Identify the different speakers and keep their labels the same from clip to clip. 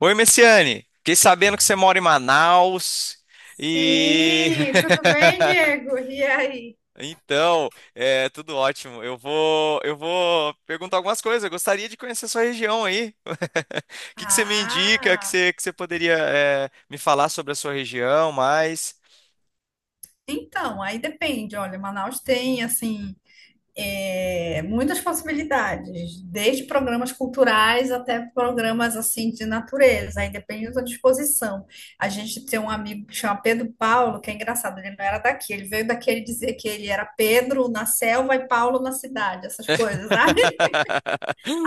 Speaker 1: Oi, Messiane. Fiquei sabendo que você mora em Manaus e
Speaker 2: Sim, tudo bem, Diego? E aí?
Speaker 1: então, é tudo ótimo. Eu vou perguntar algumas coisas. Eu gostaria de conhecer sua região aí. O que que você me indica? Que
Speaker 2: Ah,
Speaker 1: você, que você poderia me falar sobre a sua região mais?
Speaker 2: então, aí depende. Olha, Manaus tem, assim, muitas possibilidades, desde programas culturais até programas, assim, de natureza. Aí depende da sua disposição. A gente tem um amigo que chama Pedro Paulo, que é engraçado, ele não era daqui. Ele veio daqui ele dizer que ele era Pedro na selva e Paulo na cidade, essas coisas.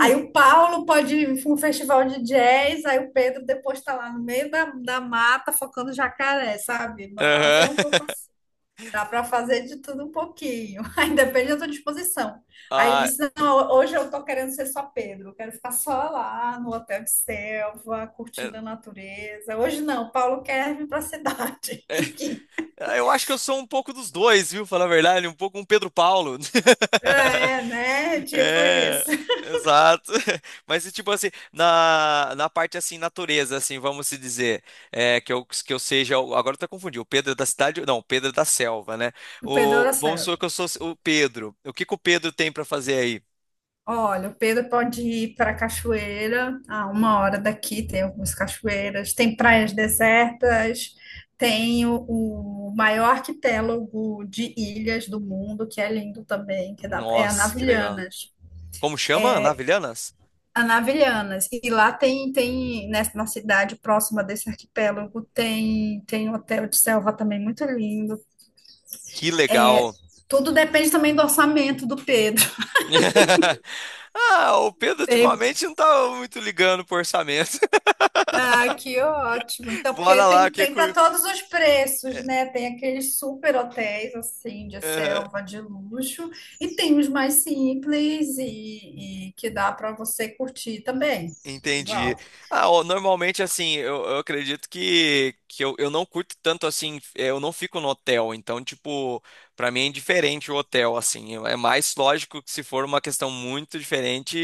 Speaker 2: Aí o Paulo pode ir para um festival de jazz, aí o Pedro depois está lá no meio da mata focando jacaré, sabe? Manaus
Speaker 1: Aham.
Speaker 2: é um pouco assim. Dá para fazer de tudo um pouquinho. Aí depende da tua disposição. Aí ele
Speaker 1: Ah,
Speaker 2: disse: Não, hoje eu tô querendo ser só Pedro, eu quero ficar só lá no hotel de selva,
Speaker 1: é,
Speaker 2: curtindo a natureza. Hoje não, Paulo quer vir para a cidade. Enfim.
Speaker 1: eu acho que eu sou um pouco dos dois, viu? Falar a verdade, um pouco um Pedro Paulo.
Speaker 2: É, né? Tipo
Speaker 1: É,
Speaker 2: isso.
Speaker 1: exato. Mas e, tipo assim, na parte assim, natureza, assim, vamos se dizer, é, que eu seja, agora eu tô confundindo, o Pedro da cidade, não, o Pedro da selva, né?
Speaker 2: O Pedro era
Speaker 1: O, vamos
Speaker 2: selva.
Speaker 1: supor que eu sou o Pedro. O que que o Pedro tem pra fazer aí?
Speaker 2: Olha, o Pedro pode ir para a cachoeira, a uma hora daqui tem algumas cachoeiras, tem praias desertas, tem o maior arquipélago de ilhas do mundo, que é lindo também, é
Speaker 1: Nossa, que legal.
Speaker 2: Anavilhanas.
Speaker 1: Como chama? Lavilhanas?
Speaker 2: Anavilhanas. E lá tem nessa, na cidade próxima desse arquipélago, tem um hotel de selva também muito lindo.
Speaker 1: Que legal.
Speaker 2: Tudo depende também do orçamento do Pedro.
Speaker 1: Ah, o Pedro
Speaker 2: Tem
Speaker 1: ultimamente não tá muito ligando pro orçamento.
Speaker 2: Ah, que ótimo. Então, porque
Speaker 1: Bora lá,
Speaker 2: tem, tem
Speaker 1: que
Speaker 2: para todos os
Speaker 1: é,
Speaker 2: preços, né? Tem aqueles super hotéis, assim, de
Speaker 1: é.
Speaker 2: selva, de luxo, e tem os mais simples e que dá para você curtir também.
Speaker 1: Entendi.
Speaker 2: Uau,
Speaker 1: Ah, ó, normalmente assim, eu acredito que, que eu não curto tanto assim, eu não fico no hotel, então, tipo, pra mim é indiferente o hotel, assim, é mais lógico que se for uma questão muito diferente,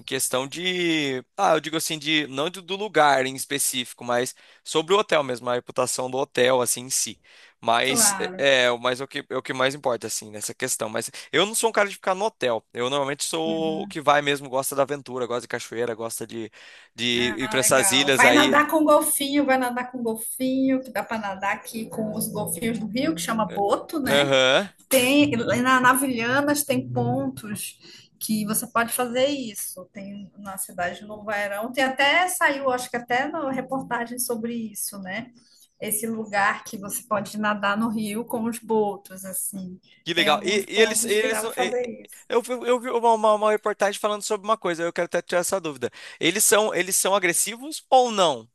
Speaker 1: em questão de, ah, eu digo assim, de, não de- do lugar em específico, mas sobre o hotel mesmo, a reputação do hotel, assim, em si. Mas
Speaker 2: claro.
Speaker 1: é, é, mas é o que mais importa, assim, nessa questão. Mas eu não sou um cara de ficar no hotel. Eu normalmente sou o
Speaker 2: Uhum.
Speaker 1: que vai mesmo, gosta da aventura, gosta de cachoeira, gosta de ir
Speaker 2: Ah,
Speaker 1: para essas
Speaker 2: legal.
Speaker 1: ilhas
Speaker 2: Vai
Speaker 1: aí.
Speaker 2: nadar com golfinho, vai nadar com golfinho, que dá para nadar aqui com os golfinhos do rio, que chama
Speaker 1: É,
Speaker 2: boto, né?
Speaker 1: aham.
Speaker 2: Tem, na Vilhanas tem pontos que você pode fazer isso. Tem na cidade de Novo Airão, tem até saiu, acho que até na reportagem sobre isso, né? Esse lugar que você pode nadar no rio com os botos, assim.
Speaker 1: Que
Speaker 2: Tem
Speaker 1: legal. E,
Speaker 2: alguns pontos que dá para fazer isso.
Speaker 1: eu, eu vi uma reportagem falando sobre uma coisa, eu quero até tirar essa dúvida. Eles são agressivos ou não?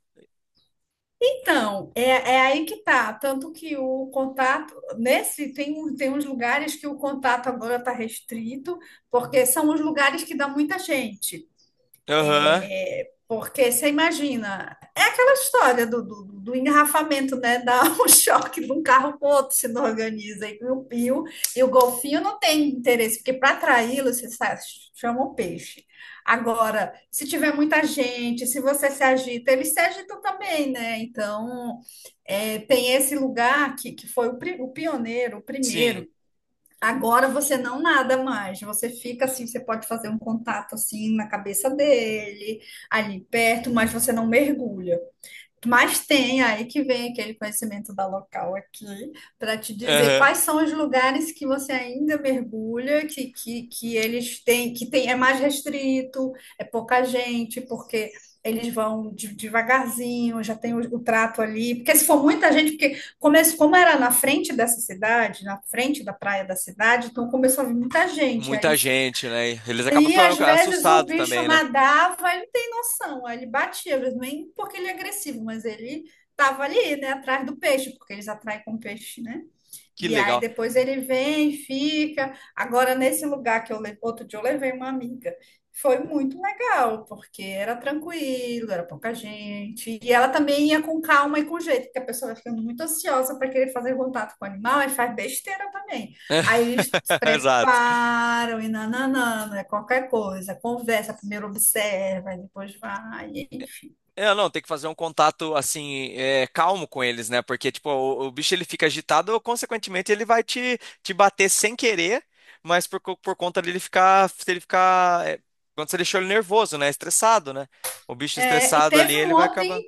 Speaker 2: Então, é aí que tá. Tanto que o contato, nesse, tem uns lugares que o contato agora está restrito, porque são os lugares que dá muita gente.
Speaker 1: Aham.
Speaker 2: É, porque você imagina, a história do engarrafamento, né? Dá um choque de um carro para o outro se não organiza. E o golfinho não tem interesse, porque para atraí-lo, você sabe, chama o peixe. Agora, se tiver muita gente, se você se agita, eles se agitam também, né? Então, tem esse lugar que foi o pioneiro, o
Speaker 1: Sim.
Speaker 2: primeiro. Agora você não nada mais, você fica assim, você pode fazer um contato assim na cabeça dele, ali perto, mas você não mergulha. Mas tem aí que vem aquele conhecimento da local aqui para te dizer
Speaker 1: Aham.
Speaker 2: quais são os lugares que você ainda mergulha, que eles têm, que tem, é mais restrito, é pouca gente, porque eles vão devagarzinho, já tem o trato ali. Porque se for muita gente, porque começo, como era na frente dessa cidade, na frente da praia da cidade, então começou a vir muita gente, aí
Speaker 1: Muita
Speaker 2: isso.
Speaker 1: gente, né? Eles acabam
Speaker 2: Aí, às
Speaker 1: ficando
Speaker 2: vezes, o
Speaker 1: assustados
Speaker 2: bicho
Speaker 1: também, né?
Speaker 2: nadava, ele tem noção, aí ele batia, mas nem porque ele é agressivo, mas ele tava ali, né, atrás do peixe, porque eles atraem com peixe, né?
Speaker 1: Que
Speaker 2: E aí
Speaker 1: legal.
Speaker 2: depois ele vem, fica. Agora, nesse lugar que eu levei, outro dia eu levei uma amiga. Foi muito legal, porque era tranquilo, era pouca gente. E ela também ia com calma e com jeito, porque a pessoa vai ficando muito ansiosa para querer fazer contato com o animal e faz besteira também. Aí eles se
Speaker 1: Exato.
Speaker 2: preparam e nananana, é qualquer coisa, conversa, primeiro observa, depois vai.
Speaker 1: É, não, tem que fazer um contato assim, é, calmo com eles, né? Porque, tipo, o bicho ele fica agitado, consequentemente ele vai te bater sem querer, mas por, por conta dele ficar, se ele ficar, é, quando você deixou ele nervoso, né? Estressado, né? O bicho
Speaker 2: É, e
Speaker 1: estressado ali,
Speaker 2: teve um
Speaker 1: ele vai
Speaker 2: outro
Speaker 1: acabar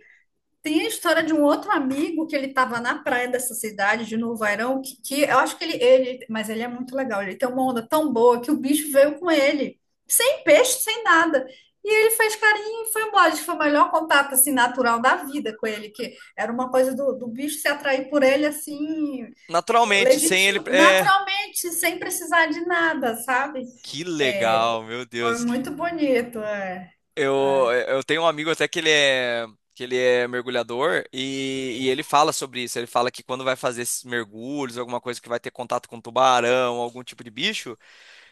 Speaker 2: Tem a história de um outro amigo que ele estava na praia dessa cidade, de Novo Airão, que eu acho que mas ele é muito legal, ele tem uma onda tão boa que o bicho veio com ele, sem peixe, sem nada. E ele fez carinho e foi embora. Acho que foi o melhor contato assim, natural da vida com ele, que era uma coisa do bicho se atrair por ele assim,
Speaker 1: naturalmente, sem ele,
Speaker 2: legítimo,
Speaker 1: é,
Speaker 2: naturalmente, sem precisar de nada, sabe?
Speaker 1: que
Speaker 2: É,
Speaker 1: legal, meu
Speaker 2: foi
Speaker 1: Deus.
Speaker 2: muito bonito. É,
Speaker 1: Eu,
Speaker 2: é.
Speaker 1: eu tenho um amigo até que ele é mergulhador e ele fala sobre isso. Ele fala que quando vai fazer esses mergulhos, alguma coisa que vai ter contato com tubarão, algum tipo de bicho,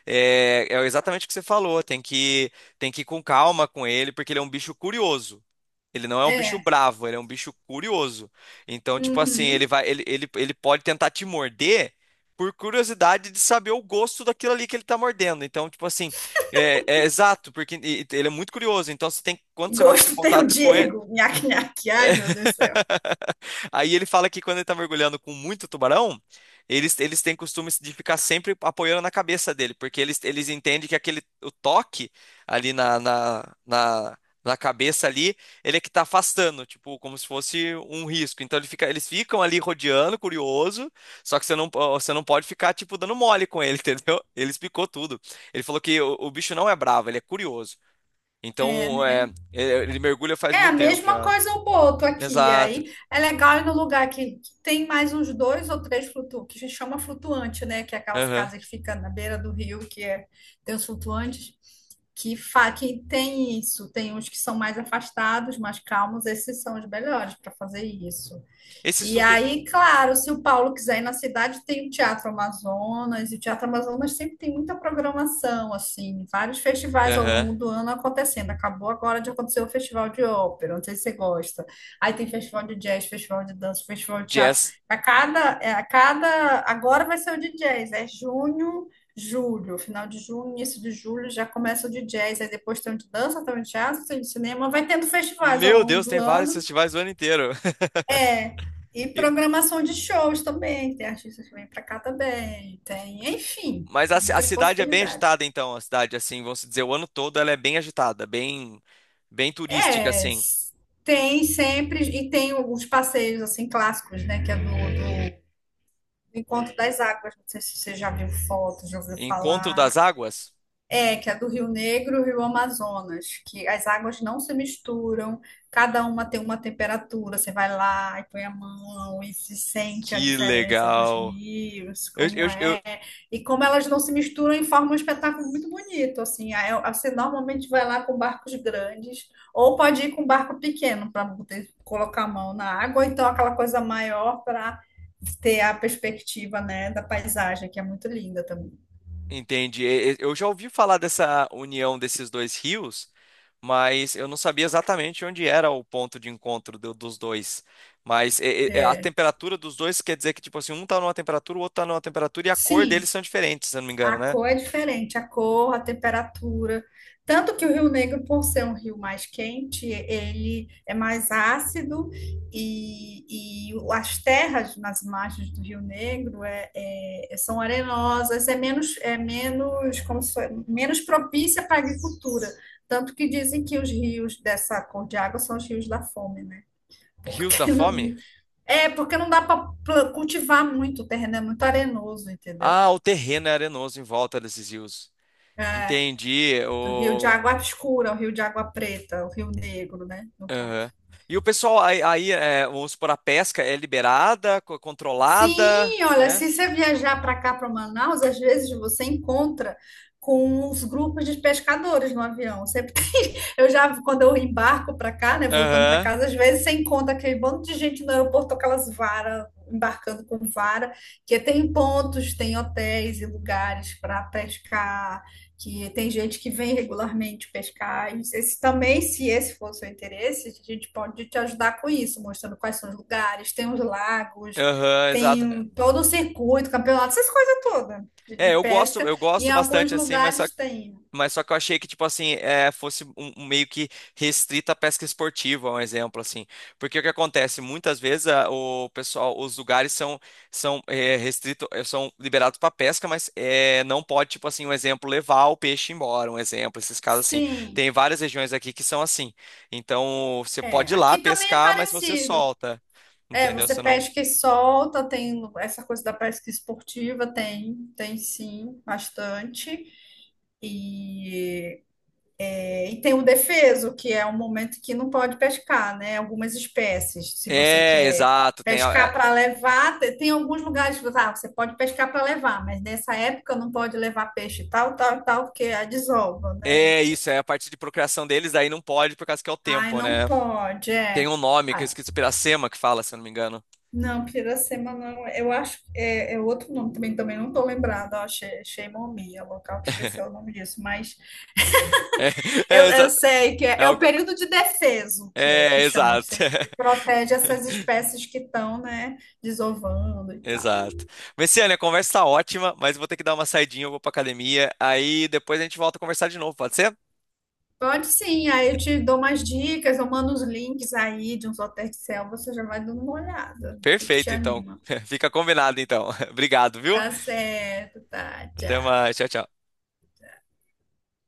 Speaker 1: é, é exatamente o que você falou. Tem que ir com calma com ele, porque ele é um bicho curioso. Ele não é um bicho
Speaker 2: É.
Speaker 1: bravo, ele é um bicho curioso. Então, tipo assim, ele
Speaker 2: Uhum.
Speaker 1: vai, ele pode tentar te morder por curiosidade de saber o gosto daquilo ali que ele tá mordendo. Então, tipo assim, é, é exato, porque e ele é muito curioso. Então, você tem, quando você vai fazer
Speaker 2: Gosto tem o
Speaker 1: contato com ele.
Speaker 2: Diego. Nhaque, nhaque. Ai, meu Deus do céu.
Speaker 1: Aí ele fala que quando ele tá mergulhando com muito tubarão, eles têm costume de ficar sempre apoiando na cabeça dele, porque eles entendem que aquele o toque ali na cabeça ali, ele é que tá afastando, tipo, como se fosse um risco. Então ele fica, eles ficam ali rodeando, curioso, só que você não pode ficar, tipo, dando mole com ele, entendeu? Ele explicou tudo. Ele falou que o bicho não é bravo, ele é curioso.
Speaker 2: É,
Speaker 1: Então, é,
Speaker 2: né?
Speaker 1: ele mergulha faz
Speaker 2: É a
Speaker 1: muito tempo
Speaker 2: mesma
Speaker 1: já.
Speaker 2: coisa o boto aqui.
Speaker 1: Exato.
Speaker 2: Aí é legal ir no lugar que tem mais uns dois ou três flutuantes, que a gente chama flutuante, né? Que é aquelas
Speaker 1: Aham.
Speaker 2: casas que ficam na beira do rio, que é, tem os flutuantes, que tem isso. Tem uns que são mais afastados, mais calmos, esses são os melhores para fazer isso.
Speaker 1: Esse
Speaker 2: E
Speaker 1: estudo.
Speaker 2: aí, claro, se o Paulo quiser ir na cidade, tem o Teatro Amazonas, e o Teatro Amazonas sempre tem muita programação, assim, vários festivais ao
Speaker 1: Aham.
Speaker 2: longo do ano acontecendo. Acabou agora de acontecer o Festival de Ópera, não sei se você gosta. Aí tem Festival de Jazz, Festival de Dança, Festival de Teatro.
Speaker 1: Jazz.
Speaker 2: A cada, é, a cada, agora vai ser o de Jazz, é junho, julho, final de junho, início de julho, já começa o de Jazz, aí depois tem o de dança, tem o de teatro, tem o de cinema, vai tendo festivais ao
Speaker 1: Meu
Speaker 2: longo
Speaker 1: Deus,
Speaker 2: do
Speaker 1: tem vários
Speaker 2: ano.
Speaker 1: festivais o ano inteiro.
Speaker 2: É, e
Speaker 1: E-
Speaker 2: programação de shows também, tem artistas que vêm para cá também, tem, enfim,
Speaker 1: mas a, a
Speaker 2: muitas
Speaker 1: cidade é bem
Speaker 2: possibilidades.
Speaker 1: agitada, então. A cidade, assim, vamos dizer, o ano todo ela é bem agitada, bem, bem turística,
Speaker 2: É,
Speaker 1: assim.
Speaker 2: s- tem sempre, e tem os passeios assim clássicos, né, que é do Encontro das Águas, não sei se você já viu fotos já ouviu
Speaker 1: Encontro
Speaker 2: falar.
Speaker 1: das Águas?
Speaker 2: É, que é do Rio Negro e Rio Amazonas, que as águas não se misturam, cada uma tem uma temperatura, você vai lá e põe a mão e se sente a
Speaker 1: Que
Speaker 2: diferença dos
Speaker 1: legal.
Speaker 2: rios,
Speaker 1: Eu, eu,
Speaker 2: como
Speaker 1: eu,
Speaker 2: é, e como elas não se misturam e formam um espetáculo muito bonito, assim. Aí você normalmente vai lá com barcos grandes, ou pode ir com barco pequeno para poder colocar a mão na água, ou então aquela coisa maior para ter a perspectiva, né, da paisagem, que é muito linda também.
Speaker 1: Entende? Eu já ouvi falar dessa união desses dois rios, mas eu não sabia exatamente onde era o ponto de encontro dos dois. Mas a temperatura dos dois quer dizer que, tipo assim, um tá numa temperatura, o outro tá numa temperatura e a cor deles
Speaker 2: Sim,
Speaker 1: são diferentes, se eu não me engano,
Speaker 2: a
Speaker 1: né?
Speaker 2: cor é diferente, a cor, a temperatura. Tanto que o Rio Negro, por ser um rio mais quente, ele é mais ácido e as terras nas margens do Rio Negro são arenosas, é menos, como se, menos propícia para a agricultura. Tanto que dizem que os rios dessa cor de água são os rios da fome, né?
Speaker 1: Rios da
Speaker 2: Porque não,
Speaker 1: Fome?
Speaker 2: é porque não dá para cultivar muito, o terreno é muito arenoso, entendeu?
Speaker 1: Ah, o terreno é arenoso em volta desses rios. Entendi.
Speaker 2: O rio de
Speaker 1: O...
Speaker 2: água escura, o rio de água preta, o rio negro, né? No
Speaker 1: aham.
Speaker 2: caso.
Speaker 1: E o pessoal é, vamos supor, a pesca é liberada, controlada,
Speaker 2: Sim, olha,
Speaker 1: é?
Speaker 2: se você viajar para cá, para Manaus, às vezes você encontra com os grupos de pescadores no avião. Sempre tem. Eu já, quando eu embarco para cá, né, voltando para
Speaker 1: Aham,
Speaker 2: casa, às vezes você encontra aquele bando de gente no aeroporto com aquelas varas, embarcando com vara, que tem pontos, tem hotéis e lugares para pescar, que tem gente que vem regularmente pescar. E esse, também, se esse for o seu interesse, a gente pode te ajudar com isso, mostrando quais são os lugares, tem os lagos.
Speaker 1: aham, exato.
Speaker 2: Todo o circuito, campeonato, essas coisas todas de pesca.
Speaker 1: Eu
Speaker 2: E
Speaker 1: gosto
Speaker 2: em alguns
Speaker 1: bastante assim,
Speaker 2: lugares tem.
Speaker 1: mas só que eu achei que tipo assim, é, fosse um, um meio que restrita à pesca esportiva, um exemplo assim. Porque o que acontece muitas vezes o pessoal, os lugares são são é, restrito, é, são liberados para pesca, mas é, não pode tipo assim, um exemplo levar o peixe embora, um exemplo, esses casos assim.
Speaker 2: Sim,
Speaker 1: Tem várias regiões aqui que são assim. Então, você
Speaker 2: é.
Speaker 1: pode ir lá
Speaker 2: Aqui também é
Speaker 1: pescar, mas você
Speaker 2: parecido.
Speaker 1: solta.
Speaker 2: É,
Speaker 1: Entendeu?
Speaker 2: você
Speaker 1: Você não
Speaker 2: pesca e solta, tem essa coisa da pesca esportiva, tem sim, bastante. E E tem o defeso, que é um momento que não pode pescar, né? Algumas espécies, se você
Speaker 1: é,
Speaker 2: quer
Speaker 1: exato. Tem,
Speaker 2: pescar
Speaker 1: é,
Speaker 2: para levar, tem alguns lugares que você pode pescar para levar, mas nessa época não pode levar peixe tal, tal, tal, porque a desova, né?
Speaker 1: é isso, é a parte de procriação deles, aí não pode por causa que é o
Speaker 2: Ai,
Speaker 1: tempo,
Speaker 2: não
Speaker 1: né?
Speaker 2: pode,
Speaker 1: Tem
Speaker 2: é.
Speaker 1: um nome que eu
Speaker 2: Ah,
Speaker 1: esqueci, Piracema que fala, se eu não me engano.
Speaker 2: não, piracema não, eu acho, é outro nome também, também não estou lembrada, ó, Sheimomi, é o local que esqueceu o nome disso, mas
Speaker 1: É,
Speaker 2: Eu,
Speaker 1: é,
Speaker 2: eu
Speaker 1: exato.
Speaker 2: sei que é,
Speaker 1: É,
Speaker 2: é o período de defeso que é que
Speaker 1: é,
Speaker 2: chamam, que
Speaker 1: exato.
Speaker 2: você protege essas espécies que estão, né, desovando e tal.
Speaker 1: Exato. Messiane, a conversa tá ótima, mas eu vou ter que dar uma saidinha, eu vou pra academia, aí depois a gente volta a conversar de novo, pode ser?
Speaker 2: Pode sim, aí eu te dou umas dicas, eu mando os links aí de uns hotéis de selva, você já vai dando uma olhada. O que que te
Speaker 1: Perfeito, então.
Speaker 2: anima?
Speaker 1: Fica combinado, então. Obrigado, viu?
Speaker 2: Tá certo, tá,
Speaker 1: Até
Speaker 2: tchau.
Speaker 1: mais. Tchau, tchau.